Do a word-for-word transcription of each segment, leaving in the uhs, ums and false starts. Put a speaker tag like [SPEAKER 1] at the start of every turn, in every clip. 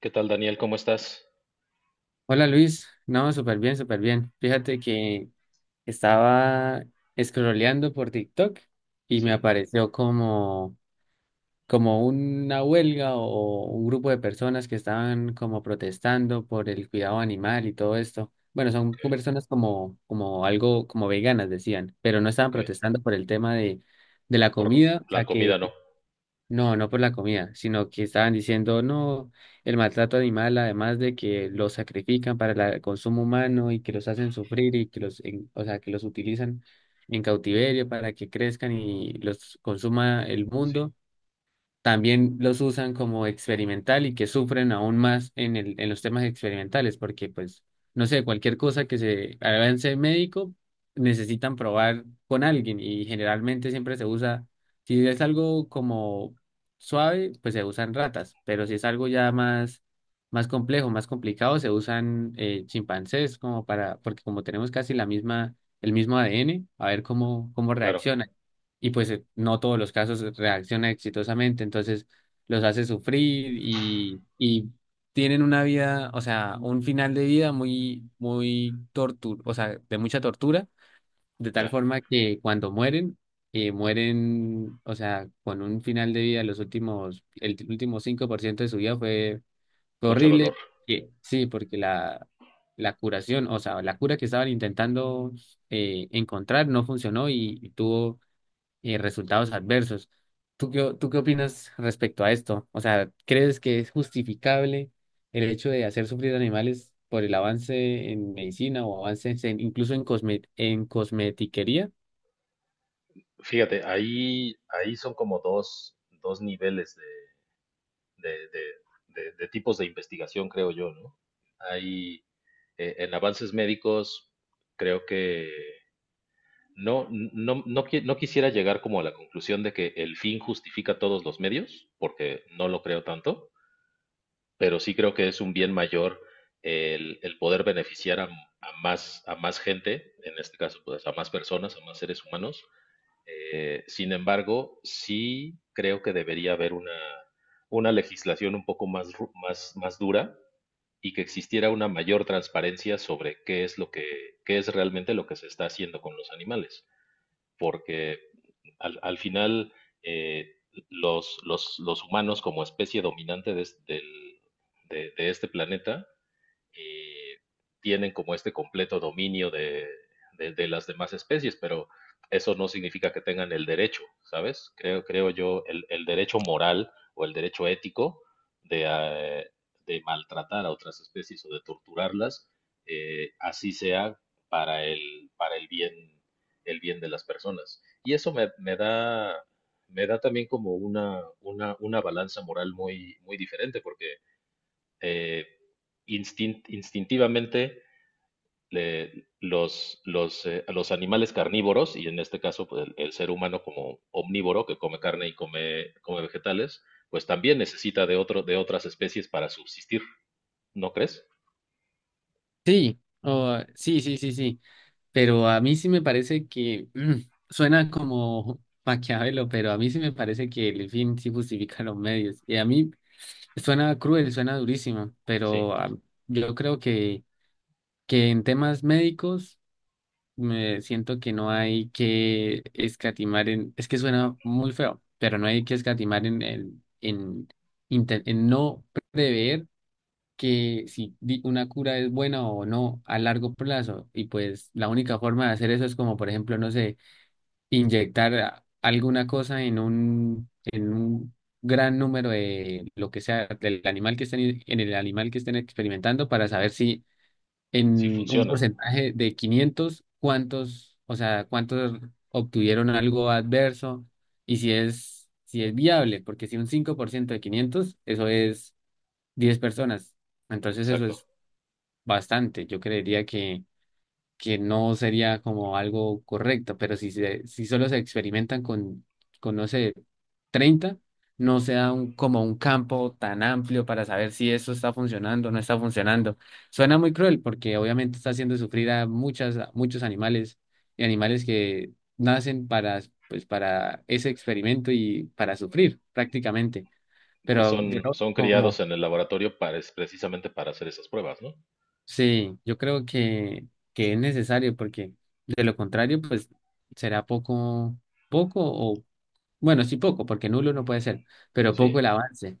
[SPEAKER 1] ¿Qué tal, Daniel? ¿Cómo estás?
[SPEAKER 2] Hola Luis, no, súper bien, súper bien. Fíjate que estaba scrolleando por TikTok y me
[SPEAKER 1] Sí,
[SPEAKER 2] apareció como, como una huelga o un grupo de personas que estaban como protestando por el cuidado animal y todo esto. Bueno, son
[SPEAKER 1] ok,
[SPEAKER 2] personas como, como algo, como veganas decían, pero no estaban
[SPEAKER 1] ok.
[SPEAKER 2] protestando por el tema de, de la
[SPEAKER 1] Por
[SPEAKER 2] comida, o
[SPEAKER 1] la
[SPEAKER 2] sea
[SPEAKER 1] comida
[SPEAKER 2] que
[SPEAKER 1] no.
[SPEAKER 2] no, no por la comida, sino que estaban diciendo, no, el maltrato animal, además de que los sacrifican para la- el consumo humano y que los hacen sufrir y que los, en- o sea, que los utilizan en cautiverio para que crezcan y los consuma el
[SPEAKER 1] Sí,
[SPEAKER 2] mundo. También los usan como experimental y que sufren aún más en el, en los temas experimentales, porque pues, no sé, cualquier cosa que se avance médico, necesitan probar con alguien y generalmente siempre se usa, si es algo como suave, pues se usan ratas, pero si es algo ya más, más complejo, más complicado, se usan eh, chimpancés como para, porque como tenemos casi la misma, el mismo A D N, a ver cómo, cómo
[SPEAKER 1] claro,
[SPEAKER 2] reacciona. Y pues eh, no todos los casos reaccionan exitosamente, entonces los hace sufrir y, y tienen una vida, o sea, un final de vida muy, muy tortura, o sea, de mucha tortura, de tal
[SPEAKER 1] ya,
[SPEAKER 2] forma que cuando mueren, eh, mueren, o sea, con un final de vida, los últimos, el último cinco por ciento de su vida fue, fue
[SPEAKER 1] mucho dolor.
[SPEAKER 2] horrible, que- sí, porque la... la curación, o sea, la cura que estaban intentando eh, encontrar no funcionó y y tuvo y resultados adversos. ¿Tú qué, o- tú qué opinas respecto a esto? O sea, ¿crees que es justificable el hecho de hacer sufrir animales por el avance en medicina o avances en, incluso en, cosme- en cosmetiquería?
[SPEAKER 1] Fíjate, ahí, ahí son como dos, dos niveles de, de- de- de- de tipos de investigación, creo yo, ¿no? Hay, eh, en avances médicos, creo que no, no, no, qui- no quisiera llegar como a la conclusión de que el fin justifica todos los medios, porque no lo creo tanto, pero sí creo que es un bien mayor el, el poder beneficiar a, a más, a más gente, en este caso, pues a más personas, a más seres humanos. Eh, sin embargo, sí creo que debería haber una, una legislación un poco más, ru- más, más dura y que existiera una mayor transparencia sobre qué es lo que, qué es realmente lo que se está haciendo con los animales. Porque al, al final, eh, los, los, los humanos como especie dominante de, es- de- de este planeta eh, tienen como este completo dominio de, de, de, las demás especies, pero eso no significa que tengan el derecho, ¿sabes? Creo, creo yo, el, el derecho moral o el derecho ético de, eh, de maltratar a otras especies o de torturarlas, eh, así sea para el, para el bien, el bien de las personas. Y eso me, me da, me da también como una, una, una balanza moral muy, muy diferente, porque eh, instint- instintivamente le- los, los, eh, los animales carnívoros, y en este caso pues, el, el ser humano como omnívoro que come carne y come, come vegetales, pues también necesita de, otro, de otras especies para subsistir, ¿no crees?
[SPEAKER 2] Sí, o- sí, sí, sí, sí. Pero a mí sí me parece que mm, suena como Maquiavelo, pero a mí sí me parece que el fin sí justifica los medios. Y a mí suena cruel, suena durísimo,
[SPEAKER 1] Sí,
[SPEAKER 2] pero ah, yo creo que, que en temas médicos. Me siento que no hay que escatimar en, es que suena muy feo, pero no hay que escatimar en, en, en, inte- en no prever que si di- una cura es buena o no a largo plazo. Y pues la única forma de hacer eso es como, por ejemplo, no sé, inyectar a- alguna cosa en un, en un gran número de lo que sea, del animal que estén, en el animal que estén experimentando para saber si
[SPEAKER 1] sí
[SPEAKER 2] en un
[SPEAKER 1] funciona,
[SPEAKER 2] porcentaje de quinientos cuántos, o sea, cuántos obtuvieron algo adverso y si es, si es viable, porque si un cinco por ciento de quinientos eso es diez personas. Entonces eso
[SPEAKER 1] exacto.
[SPEAKER 2] es bastante. Yo creería que que no sería como algo correcto, pero si, se- si solo se experimentan con, con, no sé, treinta, no se da un, como un campo tan amplio para saber si eso está funcionando o no está funcionando. Suena muy cruel porque obviamente está haciendo sufrir a muchas, a muchos animales y animales que nacen para, pues, para ese experimento y para sufrir prácticamente.
[SPEAKER 1] Que
[SPEAKER 2] Pero yo
[SPEAKER 1] son, son criados
[SPEAKER 2] como
[SPEAKER 1] en el laboratorio para, es- precisamente para hacer esas pruebas, ¿no?
[SPEAKER 2] sí, yo creo que, que es necesario porque de lo contrario, pues será poco, poco o, bueno, sí poco, porque nulo no puede ser, pero
[SPEAKER 1] Sí,
[SPEAKER 2] poco el avance.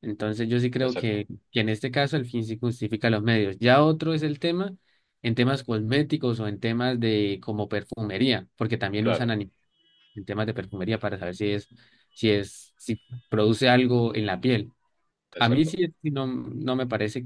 [SPEAKER 2] Entonces yo sí creo
[SPEAKER 1] exacto,
[SPEAKER 2] que, que en este caso el fin sí justifica los medios. Ya otro es el tema en temas cosméticos o en temas de como perfumería, porque también
[SPEAKER 1] claro,
[SPEAKER 2] usan ani- en temas de perfumería para saber si es, si es, si produce algo en la piel. A mí
[SPEAKER 1] exacto.
[SPEAKER 2] sí, sí no, no me parece,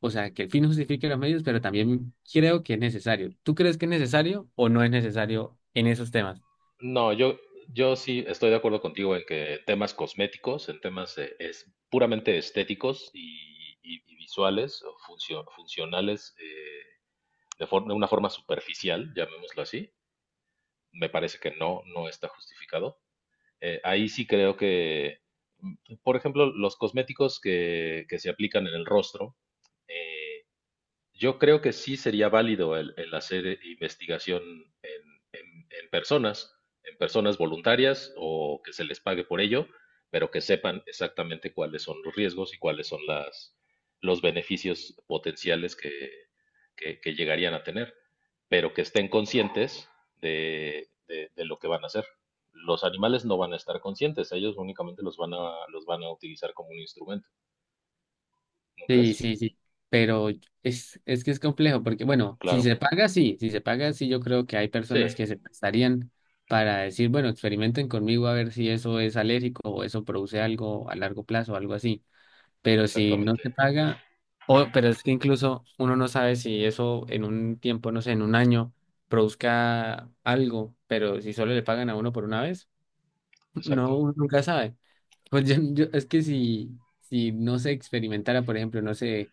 [SPEAKER 2] o sea, que el fin justifique los medios, pero también creo que es necesario. ¿Tú crees que es necesario o no es necesario en esos temas?
[SPEAKER 1] No, yo, yo sí estoy de acuerdo contigo en que temas cosméticos, en temas eh, es, puramente estéticos y, y- y visuales o funcio- funcionales eh, de, for- de una forma superficial, llamémoslo así, me parece que no, no está justificado. Eh, ahí sí creo que, mm, por ejemplo, los cosméticos que, que se aplican en el rostro, eh, yo creo que sí sería válido el, el hacer eh, investigación en, en- en personas, en personas voluntarias o que se les pague por ello, pero que sepan exactamente cuáles son los riesgos y cuáles son las, los beneficios potenciales que, que- que llegarían a tener, pero que estén conscientes de, de- de lo que van a hacer. Los animales no van a estar conscientes, ellos únicamente los van a, los van a utilizar como un instrumento, ¿no
[SPEAKER 2] Sí,
[SPEAKER 1] crees?
[SPEAKER 2] sí, sí. Pero es, es que es complejo, porque bueno, si
[SPEAKER 1] Claro.
[SPEAKER 2] se paga, sí, si se paga, sí, yo creo que hay
[SPEAKER 1] Sí,
[SPEAKER 2] personas que se prestarían para decir, bueno, experimenten conmigo a ver si eso es alérgico o eso produce algo a largo plazo o algo así. Pero si no
[SPEAKER 1] exactamente,
[SPEAKER 2] se paga, o, pero es que incluso uno no sabe si eso en un tiempo, no sé, en un año, produzca algo, pero si solo le pagan a uno por una vez,
[SPEAKER 1] exacto.
[SPEAKER 2] no, uno nunca sabe. Pues yo, yo- es que si, si no se experimentara, por ejemplo, no sé,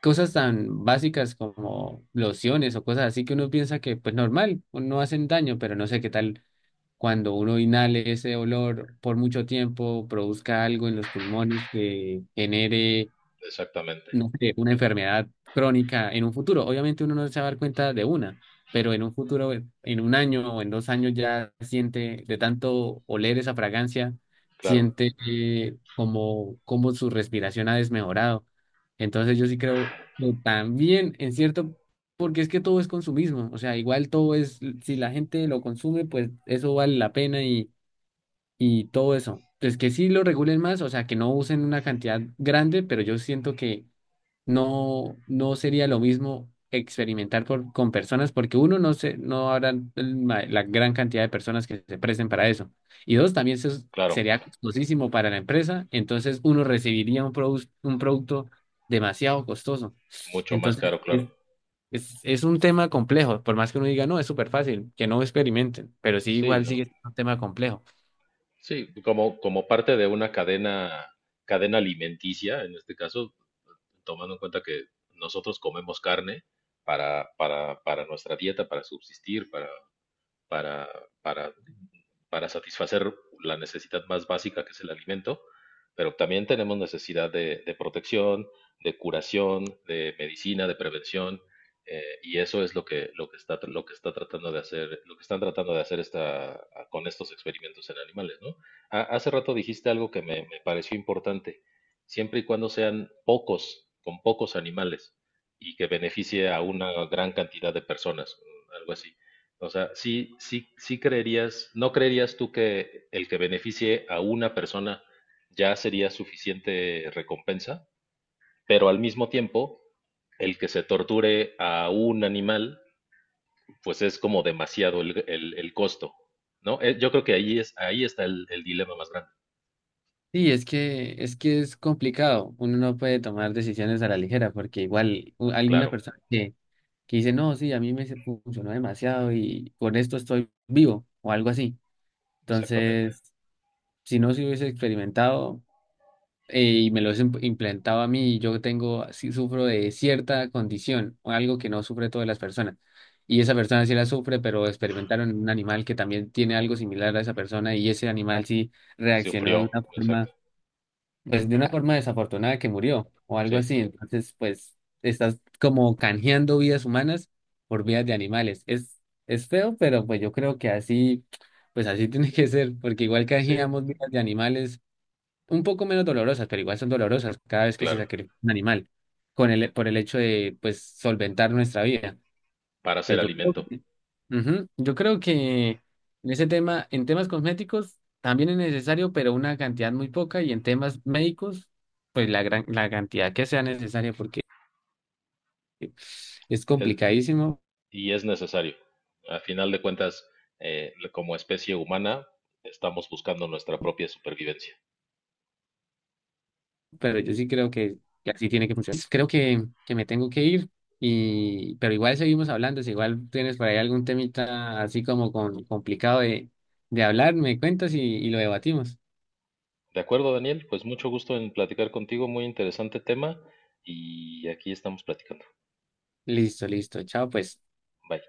[SPEAKER 2] cosas tan básicas como lociones o cosas así que uno piensa que, pues normal, no hacen daño, pero no sé qué tal cuando uno inhale ese olor por mucho tiempo, produzca algo en los pulmones que genere
[SPEAKER 1] Exactamente,
[SPEAKER 2] no sé, una enfermedad crónica en un futuro. Obviamente uno no se va a dar cuenta de una, pero en un futuro, en un año o en dos años ya siente de tanto oler esa fragancia,
[SPEAKER 1] claro,
[SPEAKER 2] siente eh, como, como su respiración ha desmejorado. Entonces yo sí creo que también en cierto, porque es que todo es consumismo, o sea, igual todo es, si la gente lo consume, pues eso vale la pena y, y todo eso. Entonces que sí lo regulen más, o sea, que no usen una cantidad grande, pero yo siento que no, no sería lo mismo experimentar por- con personas porque uno no se, no habrá el ma- la gran cantidad de personas que se presten para eso. Y dos, también eso es-
[SPEAKER 1] claro,
[SPEAKER 2] sería costosísimo para la empresa, entonces uno recibiría un, produs- un producto demasiado costoso.
[SPEAKER 1] mucho más
[SPEAKER 2] Entonces,
[SPEAKER 1] caro, claro.
[SPEAKER 2] es, es, es un tema complejo, por más que uno diga, no, es súper fácil, que no experimenten, pero sí
[SPEAKER 1] Sí,
[SPEAKER 2] igual
[SPEAKER 1] no,
[SPEAKER 2] sigue siendo un tema complejo.
[SPEAKER 1] sí, como, como parte de una cadena, cadena alimenticia, en este caso, tomando en cuenta que nosotros comemos carne para, para, para nuestra dieta, para subsistir, para, para, para, para satisfacer la necesidad más básica que es el alimento, pero también tenemos necesidad de, de protección, de curación, de medicina, de prevención, eh, y eso es lo que, lo que está, lo que está tratando de hacer, lo que están tratando de hacer esta, con estos experimentos en animales, ¿no? Ha- hace rato dijiste algo que me, me pareció importante, siempre y cuando sean pocos, con pocos animales, y que beneficie a una gran cantidad de personas, algo así. O sea, sí, sí, sí creerías, ¿no creerías tú que el que beneficie a una persona ya sería suficiente recompensa? Pero al mismo tiempo, el que se torture a un animal, pues es como demasiado el, el- el costo, ¿no? Eh, yo creo que ahí es, ahí está el, el dilema más grande.
[SPEAKER 2] Sí, es que es que es complicado. Uno no puede tomar decisiones a la ligera porque igual u- alguna
[SPEAKER 1] Claro,
[SPEAKER 2] persona que que dice, no, sí, a mí me se- funcionó demasiado y con esto estoy vivo o algo así.
[SPEAKER 1] exactamente.
[SPEAKER 2] Entonces, si no se hubiese experimentado eh, y me lo hubiesen implementado a mí, yo tengo, sí sufro de cierta condición o algo que no sufre todas las personas. Y esa persona sí la sufre, pero experimentaron en un animal que también tiene algo similar a esa persona y ese animal sí reaccionó de
[SPEAKER 1] Sufrió,
[SPEAKER 2] una forma
[SPEAKER 1] exacto.
[SPEAKER 2] pues de una forma desafortunada que murió o algo
[SPEAKER 1] Sí,
[SPEAKER 2] así. Entonces, pues estás como canjeando vidas humanas por vidas de animales. Es, es feo, pero pues yo creo que así, pues así tiene que ser, porque igual
[SPEAKER 1] sí,
[SPEAKER 2] canjeamos vidas de animales un poco menos dolorosas, pero igual son dolorosas cada vez que se
[SPEAKER 1] claro,
[SPEAKER 2] sacrifica un animal con el, por el hecho de, pues, solventar nuestra vida.
[SPEAKER 1] para hacer
[SPEAKER 2] Pero yo creo.
[SPEAKER 1] alimento.
[SPEAKER 2] Ujú. Yo creo que en ese tema, en temas cosméticos también es necesario, pero una cantidad muy poca, y en temas médicos, pues la gran, la cantidad que sea necesaria, porque es
[SPEAKER 1] Eh,
[SPEAKER 2] complicadísimo,
[SPEAKER 1] y es necesario. A final de cuentas, eh, como especie humana, estamos buscando nuestra propia supervivencia.
[SPEAKER 2] pero yo sí creo que, que así tiene que funcionar. Creo que, que me tengo que ir, y, pero igual seguimos hablando, si igual tienes por ahí algún temita así como con, complicado de, de hablar, me cuentas y, y lo debatimos.
[SPEAKER 1] De acuerdo, Daniel, pues mucho gusto en platicar contigo, muy interesante tema y aquí estamos platicando.
[SPEAKER 2] Listo, listo, chao pues.
[SPEAKER 1] Bye.